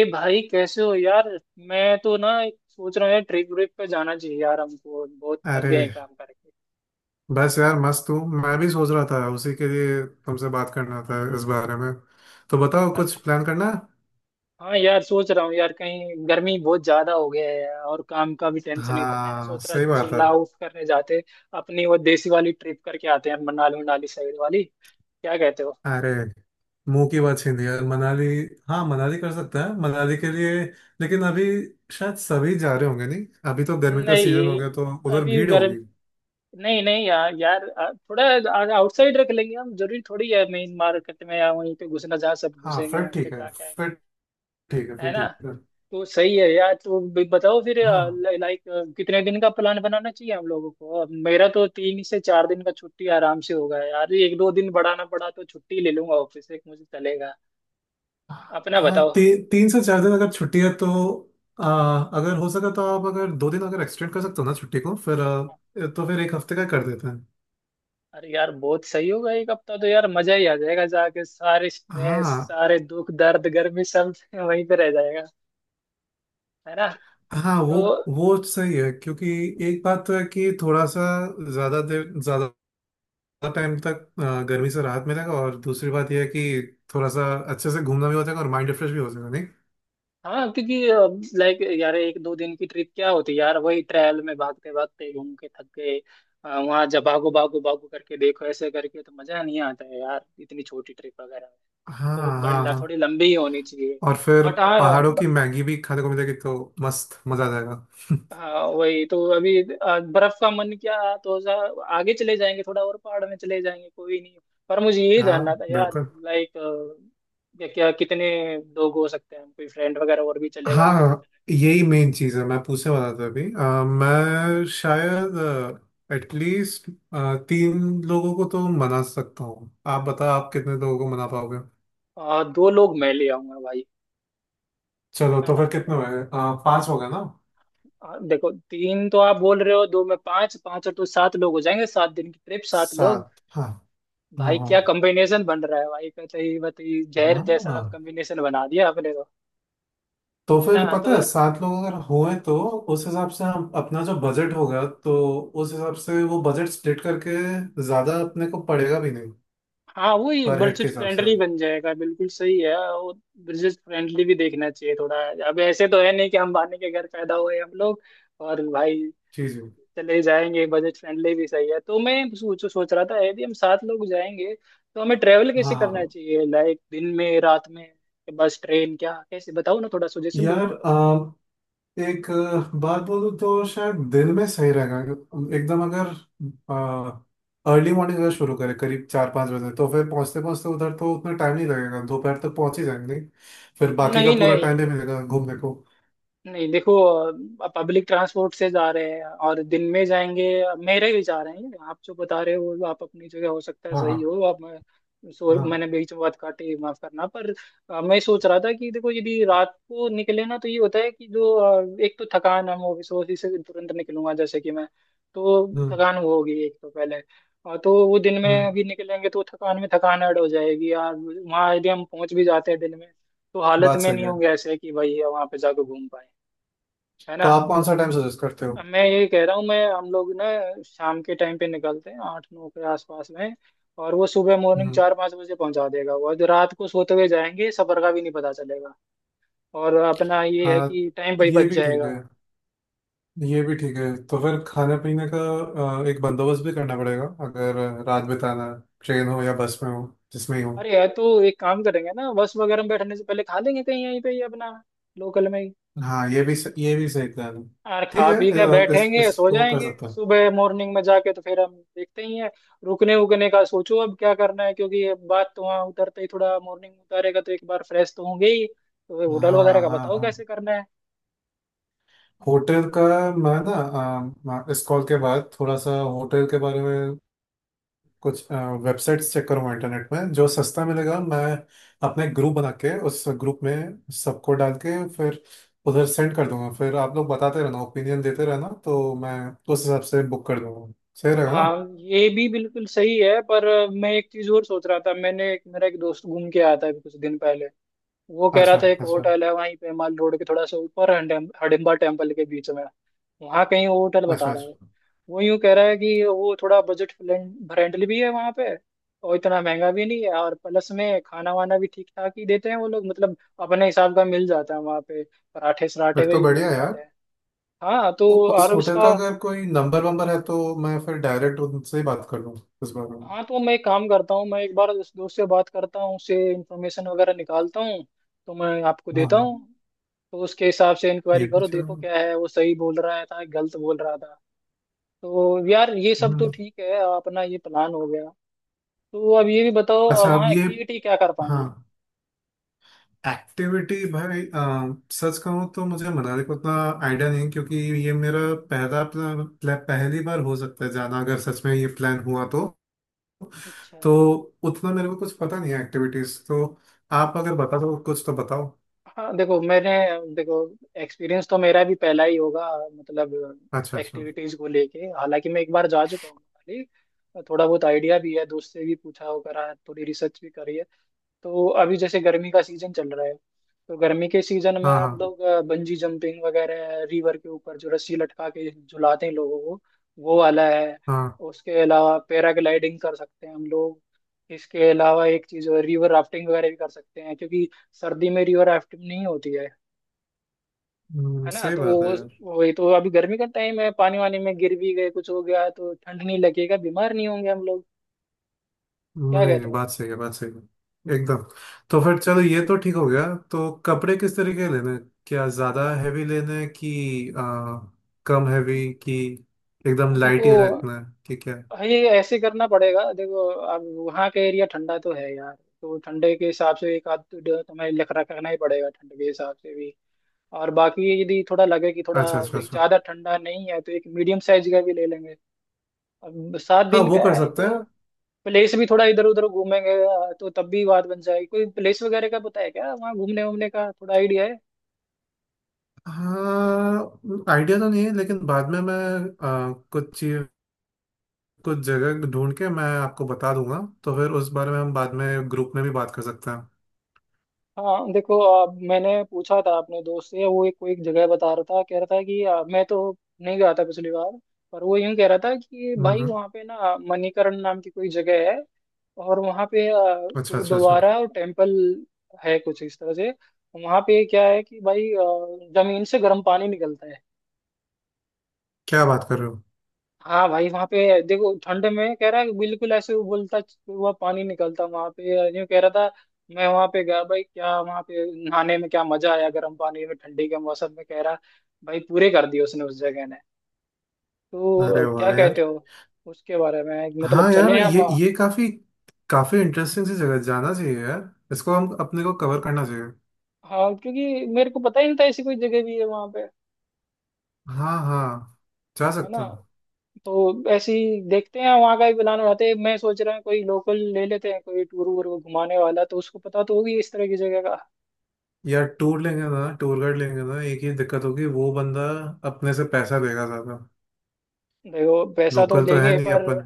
ए भाई कैसे हो यार। मैं तो ना एक सोच रहा हूँ यार, ट्रिप व्रिप पे जाना चाहिए यार, हमको बहुत थक अरे, गए हैं काम करके। बस यार मस्त हूँ। मैं भी सोच रहा था, उसी के लिए तुमसे बात करना था इस बारे में। तो बताओ, अरे कुछ प्लान करना है? हाँ यार सोच रहा हूँ यार, कहीं गर्मी बहुत ज्यादा हो गया है और काम का भी टेंशन इतना है, हाँ सोच रहा सही बात चिल है। आउट करने जाते। अपनी वो देसी वाली ट्रिप करके आते हैं, मनाली, मनाली साइड वाली। क्या कहते हो? अरे, मुंह की बात छीन ली यार, मनाली। हाँ मनाली कर सकते हैं, मनाली के लिए। लेकिन अभी शायद सभी जा रहे होंगे, नहीं? अभी तो गर्मी का सीजन हो नहीं, गया, तो उधर अभी भीड़ गर्म। होगी। नहीं नहीं यार, यार थोड़ा आउटसाइड रख लेंगे हम, जरूरी थोड़ी है मेन मार्केट में या वहीं पे घुसना जहाँ सब हाँ घुसेंगे फिर वहीं पे ठीक है। जाके आएंगे। फिर ठीक है। है फिर ना? ठीक है। तो सही है यार, तो भी बताओ फिर। हाँ लाइक कितने दिन का प्लान बनाना चाहिए हम लोगों को? अब मेरा तो 3 से 4 दिन का छुट्टी आराम से होगा यार, एक दो दिन बढ़ाना पड़ा तो छुट्टी ले लूंगा ऑफिस से, मुझे चलेगा। अपना हाँ, बताओ। तीन से चार दिन अगर छुट्टी है तो। अगर हो सका तो आप अगर दो दिन अगर एक्सटेंड कर सकते हो ना छुट्टी को, फिर तो फिर एक हफ्ते का कर देते हैं। अरे यार बहुत सही होगा एक हफ्ता तो, यार मजा ही आ जाएगा जाके, सारे स्ट्रेस हाँ। सारे दुख दर्द गर्मी सब वहीं पे रह जाएगा। है ना? हाँ, तो वो सही है, क्योंकि एक बात तो है कि थोड़ा सा ज्यादा देर, ज्यादा टाइम तक गर्मी से राहत मिलेगा, और दूसरी बात यह है कि थोड़ा सा अच्छे से घूमना भी हो जाएगा और माइंड रिफ्रेश भी हो जाएगा, नहीं? हाँ, क्योंकि लाइक यार एक दो दिन की ट्रिप क्या होती यार, वही ट्रायल में भागते भागते घूम के थक गए। वहाँ जब भागो भागो भागो करके देखो, ऐसे करके तो मजा नहीं आता है यार इतनी छोटी ट्रिप वगैरह में। हाँ तो हाँ। बड़ा हाँ। थोड़ी लंबी ही होनी चाहिए। और फिर बट हाँ। पहाड़ों की मैगी भी खाने को मिलेगी, तो मस्त मजा आ जाएगा। हाँ वही तो, अभी बर्फ का मन क्या तो आगे चले जाएंगे, थोड़ा और पहाड़ में चले जाएंगे, कोई नहीं। पर मुझे ये जानना था हाँ यार, बिल्कुल। लाइक क्या क्या कितने लोग हो सकते हैं? कोई फ्रेंड वगैरह और भी चलेगा हाँ कैसे? हाँ, यही मेन चीज है, मैं पूछने वाला था अभी। मैं शायद एटलीस्ट तीन लोगों को तो मना सकता हूँ। आप बताओ, आप कितने लोगों को मना पाओगे? दो लोग मैं ले आऊंगा भाई। चलो, है तो ना? फिर तो कितने हुए, पांच हो गए ना? देखो तीन तो आप बोल रहे हो, दो में पांच, पांच और दो सात, लोग हो जाएंगे। 7 दिन की ट्रिप, 7 लोग। सात, हाँ भाई क्या हाँ कॉम्बिनेशन बन रहा है भाई, बताइए बताइए, जहर हाँ। जैसा आप हाँ, कॉम्बिनेशन बना दिया आपने तो। तो है फिर ना? पता है, तो सात लोग अगर हुए तो उस हिसाब से हम अपना जो बजट होगा, तो उस हिसाब से वो बजट स्प्लिट करके ज्यादा अपने को पड़ेगा भी नहीं। हाँ, वही पर हेड के बजट हिसाब से फ्रेंडली बन जाएगा, बिल्कुल सही है वो। बजट फ्रेंडली भी देखना चाहिए थोड़ा, अब ऐसे तो है नहीं कि हम बाने के घर पैदा हुए हम लोग। और भाई चीज। चले जाएंगे, बजट फ्रेंडली भी सही है। तो मैं सोच सोच रहा था यदि हम 7 लोग जाएंगे तो हमें ट्रेवल हाँ कैसे करना हाँ। चाहिए? लाइक दिन में, रात में, बस, ट्रेन, क्या कैसे? बताओ ना, थोड़ा सजेशन दो यार, ना। एक बात बोलूं तो शायद दिन में सही रहेगा। एकदम अगर अर्ली मॉर्निंग अगर शुरू करें करीब चार पाँच बजे, तो फिर पहुंचते पहुंचते उधर तो उतना टाइम नहीं लगेगा, दोपहर तक पहुंच ही जाएंगे। फिर बाकी का नहीं पूरा नहीं, टाइम भी मिलेगा घूमने को। नहीं देखो, पब्लिक ट्रांसपोर्ट से जा रहे हैं और दिन में जाएंगे, मेरे विचार हैं ये। आप जो बता रहे हो आप अपनी जगह हो सकता है हाँ हाँ सही हो आप, सो हाँ। मैंने बीच में बात काटी, माफ करना, पर मैं सोच रहा था कि देखो यदि रात को निकले ना, तो ये होता है कि जो एक तो थकान, हम ऑफिस ऑफिस से तुरंत निकलूंगा जैसे कि मैं, तो हम्म थकान वो होगी एक तो पहले। तो वो दिन में हम्म। अभी निकलेंगे तो थकान में थकान ऐड हो जाएगी यार, वहाँ यदि हम पहुंच भी जाते हैं दिन में तो हालत बात में सही नहीं है। होंगे ऐसे कि भाई वहां पे जाकर घूम पाए। है तो ना? आप कौन सा टाइम सजेस्ट करते हो? मैं ये कह रहा हूँ, मैं हम लोग ना शाम के टाइम पे निकलते हैं 8-9 के आसपास में और वो सुबह मॉर्निंग हम्म। 4-5 बजे पहुंचा देगा वो, और जो रात को सोते हुए जाएंगे सफर का भी नहीं पता चलेगा। और अपना ये है हाँ, कि टाइम भाई ये बच भी ठीक जाएगा। है। ये भी ठीक है। तो फिर खाने पीने का एक बंदोबस्त भी करना पड़ेगा, अगर रात बिताना है, ट्रेन हो या बस में हो, जिसमें ही हो। अरे यार, तो एक काम करेंगे ना, बस वगैरह में बैठने से पहले खा लेंगे कहीं यहीं पे ही अपना, लोकल में। हाँ, ये भी ये भी सही प्लान है। यार ठीक खा है, पी के इस बैठेंगे, सो इसको कर जाएंगे, सकता हूँ। सुबह मॉर्निंग में जाके तो फिर हम देखते ही हैं। रुकने उकने का सोचो अब क्या करना है, क्योंकि ये बात तो वहाँ उतरते ही, थोड़ा मॉर्निंग में उतारेगा तो एक बार फ्रेश तो होंगे ही। तो होटल वगैरह हाँ का हाँ बताओ हाँ। कैसे करना है। होटल का, मैं ना इस कॉल के बाद थोड़ा सा होटल के बारे में कुछ वेबसाइट्स चेक करूँगा इंटरनेट में, जो सस्ता मिलेगा। मैं अपने ग्रुप बना के उस ग्रुप में सबको डाल के फिर उधर सेंड कर दूंगा। फिर आप लोग बताते रहना, ओपिनियन देते रहना, तो मैं उस हिसाब से बुक कर दूंगा। सही रहेगा हाँ ना? ये भी बिल्कुल सही है, पर मैं एक चीज और सोच रहा था। मैंने एक, मेरा एक दोस्त घूम के आया था अभी कुछ दिन पहले, वो कह रहा अच्छा था एक अच्छा। होटल है वहीं पे माल रोड के थोड़ा सा ऊपर, हडिम्बा टेम्पल के बीच में वहाँ कहीं वो होटल अच्छा बता रहा है। अच्छा। वो यूं कह रहा है कि वो थोड़ा बजट फ्रेंडली भी है वहाँ पे, और इतना महंगा भी नहीं है, और प्लस में खाना वाना भी ठीक ठाक ही देते हैं वो लोग, मतलब अपने हिसाब का मिल जाता है वहाँ पे, पराठे सराठे फिर तो भी बढ़िया मिल है यार। जाते हैं। हाँ तो, उस और होटल का उसका, अगर कोई नंबर वंबर है, तो मैं फिर डायरेक्ट उनसे ही बात कर लूँ इस बारे में। हाँ तो मैं एक काम करता हूँ, मैं एक बार उस दोस्त से बात करता हूँ, उससे इंफॉर्मेशन वगैरह निकालता हूँ, तो मैं आपको हाँ देता हाँ। हूँ, तो उसके हिसाब से ये इंक्वायरी भी करो, देखो चलेगा। क्या है, वो सही बोल रहा था गलत बोल रहा था। तो यार ये सब तो हम्म। ठीक है, अपना ये प्लान हो गया। तो अब ये भी बताओ अब अच्छा, अब वहाँ ये। एक्टिविटी क्या कर हाँ। पाएंगे? एक्टिविटी भाई, सच कहूँ तो मुझे मनाली का उतना आइडिया नहीं है, क्योंकि ये मेरा पहली बार हो सकता है जाना, अगर सच में ये प्लान हुआ तो। अच्छा, तो उतना मेरे को कुछ पता नहीं है एक्टिविटीज तो। आप अगर बता दो कुछ तो बताओ। हाँ देखो, मैंने देखो, एक्सपीरियंस तो मेरा भी पहला ही होगा, मतलब अच्छा अच्छा। एक्टिविटीज को लेके, हालांकि मैं एक बार जा चुका हूँ मनाली, थोड़ा बहुत आइडिया भी है, दोस्त से भी पूछा हो करा है, थोड़ी रिसर्च भी करी है। तो अभी जैसे गर्मी का सीजन चल रहा है, तो गर्मी के सीजन में हाँ हाँ हम लोग बंजी जंपिंग वगैरह, रिवर के ऊपर जो रस्सी लटका के झुलाते हैं लोगों को, वो वाला है। हाँ। उसके अलावा पैराग्लाइडिंग कर सकते हैं हम लोग। इसके अलावा एक चीज, रिवर राफ्टिंग वगैरह भी कर सकते हैं, क्योंकि सर्दी में रिवर राफ्टिंग नहीं होती है। है ना? सही तो बात है। वो, वही तो, अभी गर्मी का टाइम है, पानी वानी में गिर भी गए कुछ हो गया तो ठंड नहीं लगेगा, बीमार नहीं होंगे हम लोग। क्या नहीं कहते नहीं, हो? बात सही है, बात सही है एकदम। तो फिर चलो, ये तो ठीक हो गया। तो कपड़े किस तरीके लेने हैं? क्या ज्यादा हैवी लेने हैं, कि कम हैवी, कि एकदम देखो लाइट ही रखना है, कि क्या? भाई ऐसे करना पड़ेगा, देखो अब वहाँ का एरिया ठंडा तो है यार, तो ठंडे के हिसाब से एक आध तो जो तुम्हें लग रखा करना ही पड़ेगा, ठंड के हिसाब से भी। और बाकी यदि थोड़ा लगे कि थोड़ा अच्छा अच्छा अच्छा। ज्यादा ठंडा नहीं है, तो एक मीडियम साइज का भी ले लेंगे। अब सात हाँ, दिन वो का कर है सकते तो हैं। प्लेस भी थोड़ा इधर उधर घूमेंगे, तो तब भी बात बन जाएगी। कोई प्लेस वगैरह का पता है क्या, वहाँ घूमने वूमने का थोड़ा आइडिया है? हाँ, आइडिया तो नहीं है, लेकिन बाद में मैं आ, कुछ चीज कुछ जगह ढूंढ के मैं आपको बता दूंगा, तो फिर उस बारे में हम बाद में ग्रुप में भी बात कर सकते हैं। हाँ देखो, मैंने पूछा था अपने दोस्त से, वो एक कोई एक जगह बता रहा था, कह रहा था कि मैं तो नहीं गया था पिछली बार, पर वो यूं कह रहा था कि भाई हम्म। वहाँ पे ना मणिकरण नाम की कोई जगह है, और वहाँ पे अच्छा अच्छा अच्छा। गुरुद्वारा और टेम्पल है कुछ इस तरह से। वहाँ पे क्या है कि भाई जमीन से गर्म पानी निकलता है। क्या बात कर रहे हो? हाँ भाई, वहां पे देखो ठंड में कह रहा है कि बिल्कुल ऐसे उबलता हुआ पानी निकलता वहां पे, यूं कह रहा था। मैं वहां पे गया भाई, क्या वहां पे नहाने में क्या मजा आया, गर्म पानी में ठंडी के मौसम में, कह रहा भाई पूरे कर दिए उसने उस जगह ने। तो अरे क्या वाह कहते यार। हो उसके बारे में, मतलब हाँ यार, चले हम ये वहाँ? काफी काफी इंटरेस्टिंग सी जगह, जाना चाहिए यार, इसको हम अपने को कवर करना चाहिए। हाँ, क्योंकि मेरे को पता ही नहीं था ऐसी कोई जगह भी है वहां पे। हाँ हाँ। जा है ना? सकते हैं। तो ऐसे ही देखते हैं, वहां का भी प्लान बनाते हैं। मैं सोच रहा हूँ कोई लोकल ले लेते हैं कोई टूर वूर को घुमाने वाला, तो उसको पता तो होगी इस तरह की जगह का। यार, टूर लेंगे ना, टूर गाइड लेंगे ना, एक ही दिक्कत होगी, वो बंदा अपने से पैसा देगा ज्यादा। देखो पैसा तो लोकल तो है देंगे, नहीं पर अपन।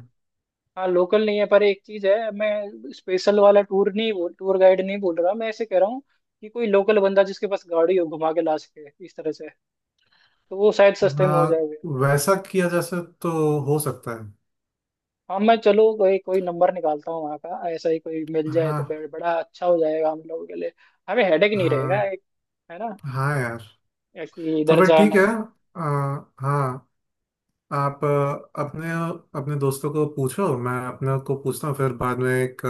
हाँ लोकल नहीं है पर एक चीज है, मैं स्पेशल वाला टूर नहीं बोल, टूर गाइड नहीं बोल रहा, मैं ऐसे कह रहा हूँ कि कोई लोकल बंदा जिसके पास गाड़ी हो, घुमा के ला सके इस तरह से, तो वो शायद सस्ते में हो हाँ, जाएगा। वैसा किया जा सक तो हो सकता है। हाँ मैं, चलो कोई कोई नंबर निकालता हूँ वहाँ का, ऐसा ही कोई मिल जाए तो हाँ। बड़ा अच्छा हो जाएगा हम लोगों के लिए, हमें हेडेक नहीं रहेगा हाँ। एक। है ना, हाँ यार। कि तो इधर फिर ठीक जाना है। है। आ, हाँ। आप अपने अपने दोस्तों को पूछो, मैं अपने को पूछता हूँ, फिर बाद में एक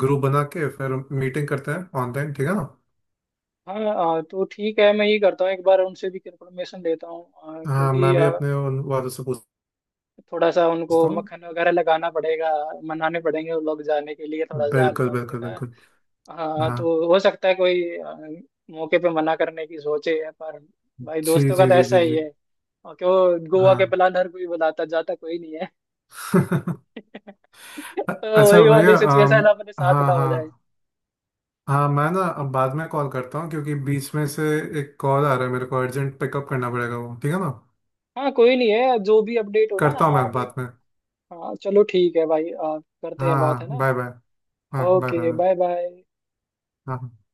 ग्रुप बना के फिर मीटिंग करते हैं ऑनलाइन, ठीक है ना? हाँ हाँ, तो ठीक है, मैं ये करता हूँ, एक बार उनसे भी कंफर्मेशन लेता हूँ, हाँ, हाँ, क्योंकि मैं भी अपने उन वालों से थोड़ा सा उनको पूछता हूँ। मक्खन वगैरह लगाना पड़ेगा, मनाने पड़ेंगे वो लोग जाने के लिए, थोड़ा सा बिल्कुल हल्का बिल्कुल फुल्का। बिल्कुल। हाँ हाँ तो हो सकता है कोई मौके पे मना करने की सोचे है, पर भाई जी दोस्तों का जी तो जी ऐसा जी ही जी। है। और क्यों, गोवा के हाँ। प्लान हर कोई बनाता, जाता कोई नहीं है। तो अच्छा वही वाली भैया, सिचुएशन अपने साथ ना हाँ हो जाए। हाँ। हाँ, मैं ना अब बाद में कॉल करता हूँ, क्योंकि बीच में से एक कॉल आ रहा है, मेरे को अर्जेंट पिकअप करना पड़ेगा, वो ठीक है ना? हाँ कोई नहीं है, जो भी अपडेट हो ना करता हूँ मैं आप, एक, बाद में। हाँ चलो ठीक है भाई, आप करते हाँ हैं बात, है हाँ, ना। Bye bye. हाँ बाय बाय। ओके हाँ। Bye bye. हाँ।